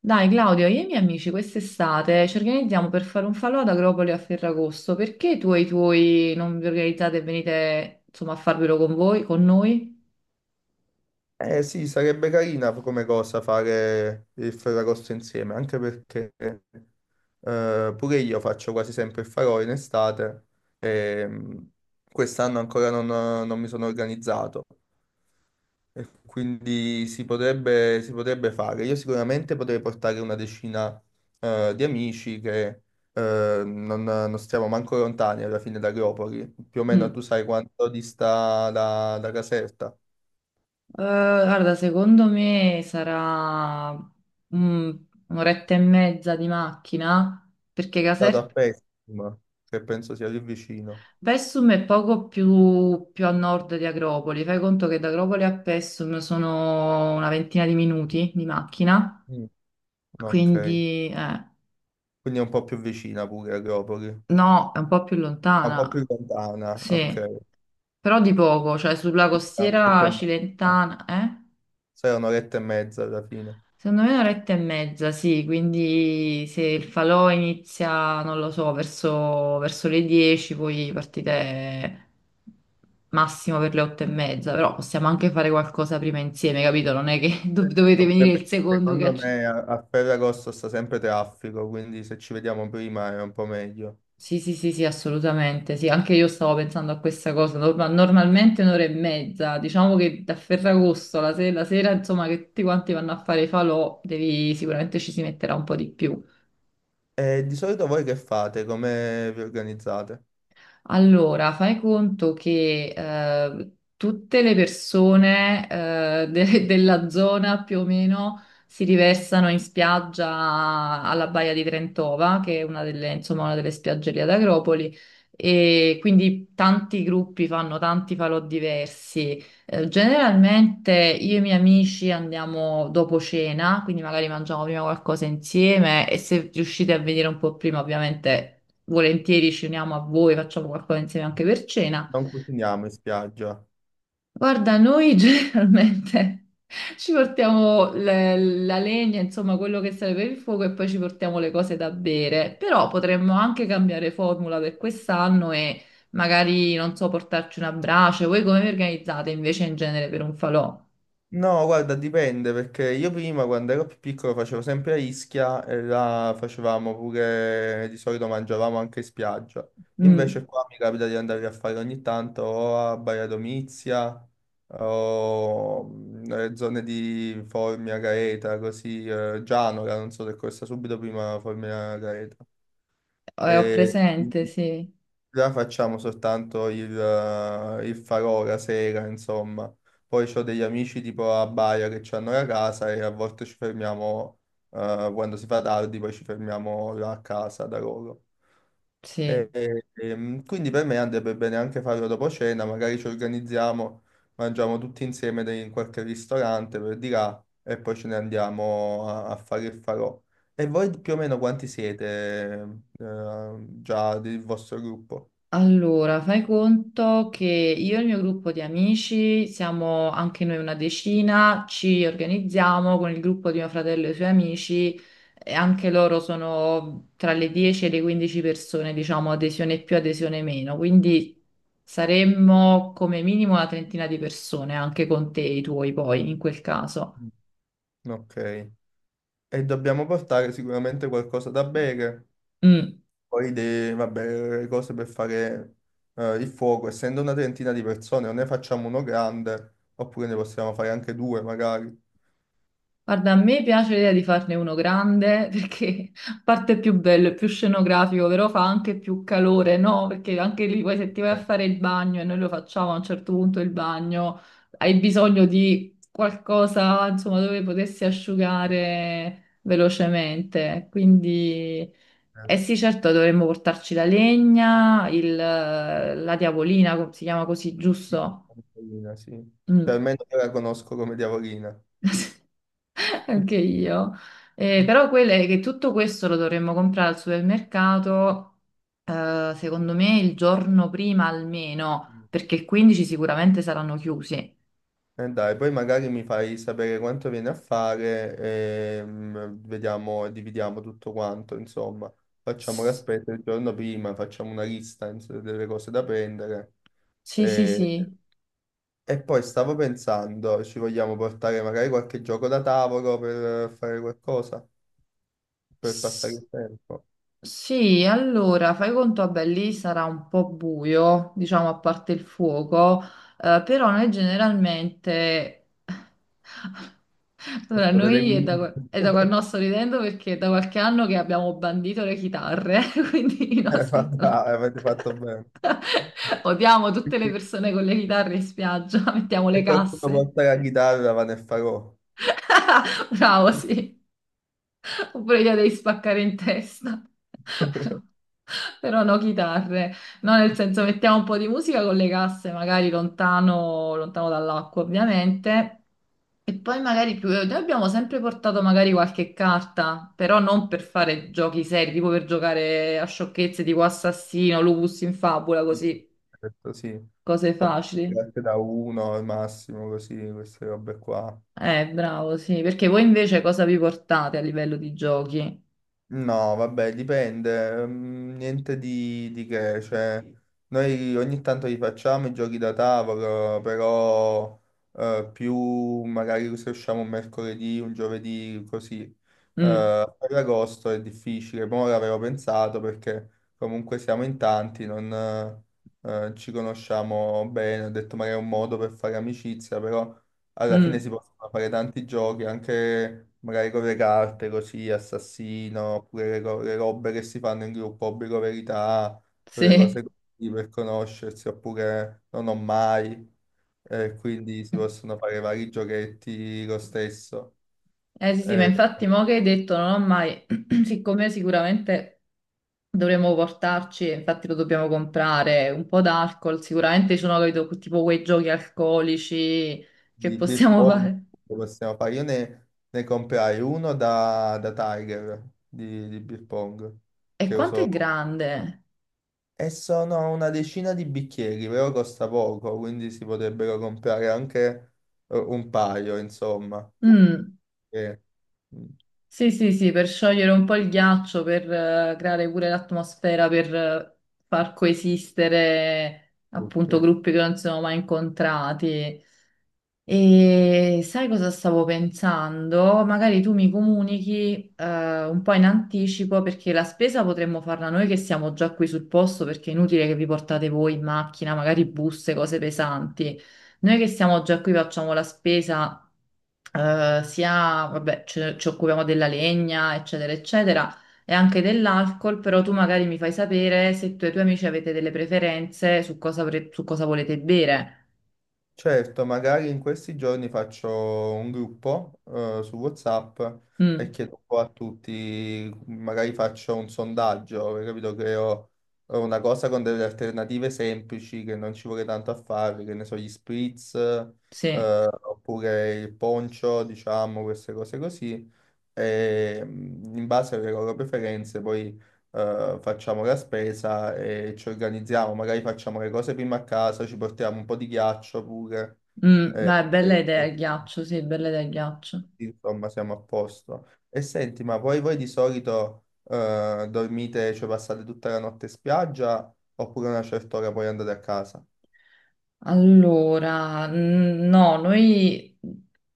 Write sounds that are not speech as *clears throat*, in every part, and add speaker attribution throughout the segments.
Speaker 1: Dai Claudio, io e i miei amici quest'estate ci organizziamo per fare un falò ad Agropoli a Ferragosto. Perché tu e i tuoi non vi organizzate e venite insomma a farvelo con voi, con noi?
Speaker 2: Eh sì, sarebbe carina come cosa fare il Ferragosto insieme, anche perché pure io faccio quasi sempre il farò in estate e quest'anno ancora non mi sono organizzato e quindi si potrebbe fare. Io sicuramente potrei portare una decina di amici che non stiamo manco lontani alla fine da Agropoli, più o meno
Speaker 1: Mm.
Speaker 2: tu sai quanto dista da Caserta.
Speaker 1: Guarda, secondo me sarà un'oretta e mezza di macchina, perché
Speaker 2: Stato a Pessima, che penso sia lì vicino.
Speaker 1: Pessum è poco più, più a nord di Agropoli. Fai conto che da Agropoli a Pessum sono una ventina di minuti di macchina,
Speaker 2: Mm. Ok,
Speaker 1: quindi....
Speaker 2: quindi è un po' più vicina pure Agropoli.
Speaker 1: No, è un po' più
Speaker 2: È un po' più
Speaker 1: lontana,
Speaker 2: lontana,
Speaker 1: sì,
Speaker 2: ok.
Speaker 1: però di poco, cioè sulla
Speaker 2: È un'oretta e
Speaker 1: costiera
Speaker 2: mezza.
Speaker 1: cilentana, eh?
Speaker 2: Sì, è un'oretta e mezza alla fine.
Speaker 1: Secondo me un'oretta e mezza, sì, quindi se il falò inizia, non lo so, verso le 10, poi partite massimo per le 8 e mezza, però possiamo anche fare qualcosa prima insieme, capito? Non è che *laughs* dovete
Speaker 2: Oppure
Speaker 1: venire il
Speaker 2: perché
Speaker 1: secondo che
Speaker 2: secondo
Speaker 1: accetta.
Speaker 2: me a Ferragosto sta sempre traffico, quindi se ci vediamo prima è un po' meglio.
Speaker 1: Sì, sì, sì, sì, assolutamente. Sì, anche io stavo pensando a questa cosa. Normalmente un'ora e mezza, diciamo che da Ferragosto, la, la sera, insomma, che tutti quanti vanno a fare i falò, devi, sicuramente ci si metterà un po' di più.
Speaker 2: E di solito voi che fate? Come vi organizzate?
Speaker 1: Allora, fai conto che tutte le persone *laughs* della zona più o meno si riversano in spiaggia alla Baia di Trentova, che è una delle, insomma, una delle spiagge lì ad Agropoli, e quindi tanti gruppi fanno tanti falò diversi. Generalmente io e i miei amici andiamo dopo cena, quindi magari mangiamo prima qualcosa insieme e se riuscite a venire un po' prima, ovviamente volentieri ci uniamo a voi, facciamo qualcosa insieme anche per cena.
Speaker 2: Non cuciniamo in spiaggia.
Speaker 1: Guarda, noi *laughs* generalmente ci portiamo la legna, insomma, quello che serve per il fuoco e poi ci portiamo le cose da bere, però potremmo anche cambiare formula per quest'anno e magari, non so, portarci una brace. Voi come vi organizzate invece in genere per un falò?
Speaker 2: No, guarda, dipende perché io prima quando ero più piccolo facevo sempre a Ischia e là facevamo pure, di solito mangiavamo anche in spiaggia.
Speaker 1: Mm.
Speaker 2: Invece qua mi capita di andare a fare ogni tanto o a Baia Domizia o nelle zone di Formia, Gaeta, così, Gianola, non so se questa subito prima Formia, Gaeta.
Speaker 1: Ho
Speaker 2: E
Speaker 1: presente, sì,
Speaker 2: già facciamo soltanto il farò la sera, insomma. Poi ho degli amici tipo a Baia che ci hanno la casa e a volte ci fermiamo, quando si fa tardi, poi ci fermiamo là a casa da loro.
Speaker 1: sì.
Speaker 2: Quindi per me andrebbe bene anche farlo dopo cena, magari ci organizziamo, mangiamo tutti insieme in qualche ristorante per di là e poi ce ne andiamo a fare il farò. E voi più o meno quanti siete, già del vostro gruppo?
Speaker 1: Allora, fai conto che io e il mio gruppo di amici siamo anche noi una decina, ci organizziamo con il gruppo di mio fratello e i suoi amici, e anche loro sono tra le 10 e le 15 persone, diciamo, adesione più, adesione meno, quindi saremmo come minimo una trentina di persone, anche con te e i tuoi poi, in quel caso.
Speaker 2: Ok. E dobbiamo portare sicuramente qualcosa da bere,
Speaker 1: Mm.
Speaker 2: poi vabbè, le cose per fare il fuoco. Essendo una trentina di persone, o ne facciamo uno grande, oppure ne possiamo fare anche due magari.
Speaker 1: Guarda, a me piace l'idea di farne uno grande perché *laughs* a parte è più bello, è più scenografico, però fa anche più calore, no? Perché anche lì poi se ti vai a
Speaker 2: Eh,
Speaker 1: fare il bagno e noi lo facciamo a un certo punto il bagno, hai bisogno di qualcosa, insomma, dove potessi asciugare velocemente. Quindi,
Speaker 2: eh,
Speaker 1: eh sì, certo, dovremmo portarci la legna, la diavolina, si chiama così,
Speaker 2: sì, una
Speaker 1: giusto?
Speaker 2: tavolina, sì. Cioè
Speaker 1: Mm.
Speaker 2: almeno io la conosco come diavolina.
Speaker 1: *laughs* Anche io. Però quello è che tutto questo lo dovremmo comprare al supermercato, secondo me il giorno prima almeno,
Speaker 2: Mm.
Speaker 1: perché il 15 sicuramente saranno chiusi.
Speaker 2: E dai, poi magari mi fai sapere quanto viene a fare e vediamo, dividiamo tutto quanto, insomma. Facciamo
Speaker 1: S-
Speaker 2: l'aspetto il giorno prima, facciamo una lista delle cose da prendere.
Speaker 1: Sì,
Speaker 2: E,
Speaker 1: sì,
Speaker 2: e poi stavo pensando, ci vogliamo portare magari qualche gioco da tavolo per fare qualcosa, per passare
Speaker 1: sì.
Speaker 2: il tempo.
Speaker 1: Sì, allora fai conto, vabbè, lì sarà un po' buio, diciamo a parte il fuoco, però noi generalmente, allora
Speaker 2: Portate dei
Speaker 1: noi è da,
Speaker 2: gomiti.
Speaker 1: è da quando
Speaker 2: *laughs*
Speaker 1: no, sto ridendo perché è da qualche anno che abbiamo bandito le chitarre, *laughs* quindi i
Speaker 2: Ma
Speaker 1: nostri... allora,
Speaker 2: dai, avete fatto bene.
Speaker 1: *laughs* odiamo tutte le persone con le chitarre in spiaggia, *laughs* mettiamo le
Speaker 2: Se qualcuno
Speaker 1: casse.
Speaker 2: porta la chitarra, va nel farò.
Speaker 1: *laughs* Bravo, sì. Oppure gliela devi spaccare in testa. *laughs* Però,
Speaker 2: *laughs*
Speaker 1: però no chitarre. No, nel senso mettiamo un po' di musica con le casse, magari lontano dall'acqua, ovviamente. E poi magari più... noi abbiamo sempre portato magari qualche carta, però non per fare giochi seri, tipo per giocare a sciocchezze tipo assassino, lupus in fabula, così,
Speaker 2: Certo, sì.
Speaker 1: cose
Speaker 2: Ho
Speaker 1: facili.
Speaker 2: parte da uno al massimo, così, queste robe qua.
Speaker 1: Bravo, sì, perché voi invece cosa vi portate a livello di giochi?
Speaker 2: No, vabbè, dipende, niente di che, cioè, noi ogni tanto li facciamo i giochi da tavolo, però più magari se usciamo un mercoledì, un giovedì, così.
Speaker 1: Mm,
Speaker 2: Per agosto è difficile, ma ora avevo pensato perché comunque siamo in tanti, non ci conosciamo bene, ho detto magari è un modo per fare amicizia, però alla fine
Speaker 1: mm,
Speaker 2: si possono fare tanti giochi, anche magari con le carte, così, assassino, oppure le robe che si fanno in gruppo, obbligo verità, quelle cose
Speaker 1: sì.
Speaker 2: così per conoscersi, oppure non ho mai, quindi si possono fare vari giochetti lo stesso.
Speaker 1: Eh sì, sì, ma
Speaker 2: Eh,
Speaker 1: infatti mo che hai detto non ho mai, *clears throat* siccome sicuramente dovremmo portarci, e infatti lo dobbiamo comprare, un po' d'alcol, sicuramente ci sono capito, tipo quei giochi alcolici che
Speaker 2: di beer
Speaker 1: possiamo
Speaker 2: pong
Speaker 1: fare.
Speaker 2: lo possiamo fare, io ne comprai uno da Tiger di beer pong,
Speaker 1: E
Speaker 2: che
Speaker 1: quanto
Speaker 2: uso.
Speaker 1: è grande?
Speaker 2: E sono una decina di bicchieri, però costa poco, quindi si potrebbero comprare anche un paio, insomma.
Speaker 1: Mm,
Speaker 2: E-
Speaker 1: sì, sì, sì, per sciogliere un po' il ghiaccio, per creare pure l'atmosfera, per far coesistere appunto
Speaker 2: Ok.
Speaker 1: gruppi che non si sono mai incontrati. E sai cosa stavo pensando? Magari tu mi comunichi un po' in anticipo perché la spesa potremmo farla noi che siamo già qui sul posto perché è inutile che vi portate voi in macchina, magari buste, cose pesanti. Noi che siamo già qui facciamo la spesa sia, vabbè, ci occupiamo della legna, eccetera, eccetera, e anche dell'alcol, però tu magari mi fai sapere se tu e i tuoi amici avete delle preferenze su cosa, su cosa volete bere.
Speaker 2: Certo, magari in questi giorni faccio un gruppo su WhatsApp e
Speaker 1: Mm,
Speaker 2: chiedo un po' a tutti, magari faccio un sondaggio, perché capito? Creo una cosa con delle alternative semplici che non ci vuole tanto a fare, che ne so, gli spritz,
Speaker 1: sì.
Speaker 2: oppure il poncio, diciamo, queste cose così. E in base alle loro preferenze poi facciamo la spesa e ci organizziamo, magari facciamo le cose prima a casa, ci portiamo un po' di ghiaccio pure,
Speaker 1: Mm, beh, bella idea
Speaker 2: così,
Speaker 1: il ghiaccio, sì, bella idea il ghiaccio.
Speaker 2: insomma siamo a posto. E senti, ma poi voi di solito dormite, cioè passate tutta la notte in spiaggia oppure a una certa ora poi andate a casa?
Speaker 1: Allora, no, noi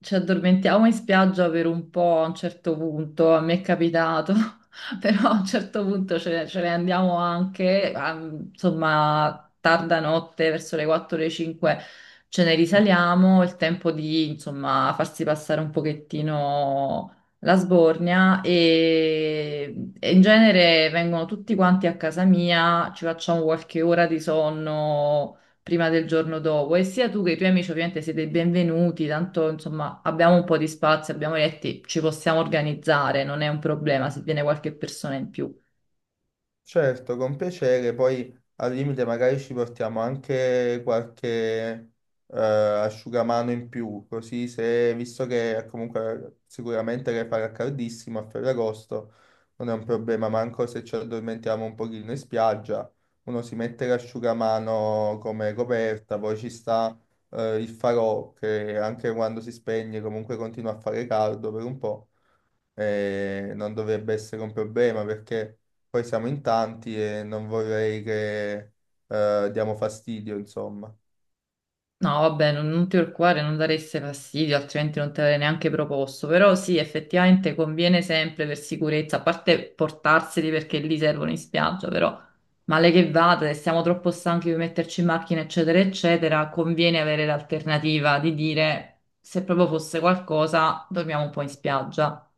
Speaker 1: ci addormentiamo in spiaggia per un po' a un certo punto, a me è capitato, *laughs* però a un certo punto ce ne andiamo anche, a- insomma, tarda notte, verso le 4 le 5 ce ne risaliamo, il tempo di, insomma, farsi passare un pochettino la sbornia e in genere vengono tutti quanti a casa mia, ci facciamo qualche ora di sonno prima del giorno dopo e sia tu che i tuoi amici ovviamente siete i benvenuti, tanto insomma abbiamo un po' di spazio, abbiamo letti, ci possiamo organizzare, non è un problema se viene qualche persona in più.
Speaker 2: Certo, con piacere, poi al limite magari ci portiamo anche qualche asciugamano in più, così se, visto che comunque sicuramente che farà caldissimo a Ferragosto, non è un problema, manco se ci addormentiamo un pochino in spiaggia, uno si mette l'asciugamano come coperta, poi ci sta il farò che anche quando si spegne comunque continua a fare caldo per un po', e non dovrebbe essere un problema perché poi siamo in tanti e non vorrei che diamo fastidio, insomma.
Speaker 1: No, vabbè, non ti preoccupare, non dareste fastidio, altrimenti non te l'avrei neanche proposto. Però sì, effettivamente conviene sempre per sicurezza, a parte portarseli perché lì servono in spiaggia, però male che vada, se siamo troppo stanchi di metterci in macchina, eccetera, eccetera, conviene avere l'alternativa di dire se proprio fosse qualcosa, dormiamo un po' in spiaggia.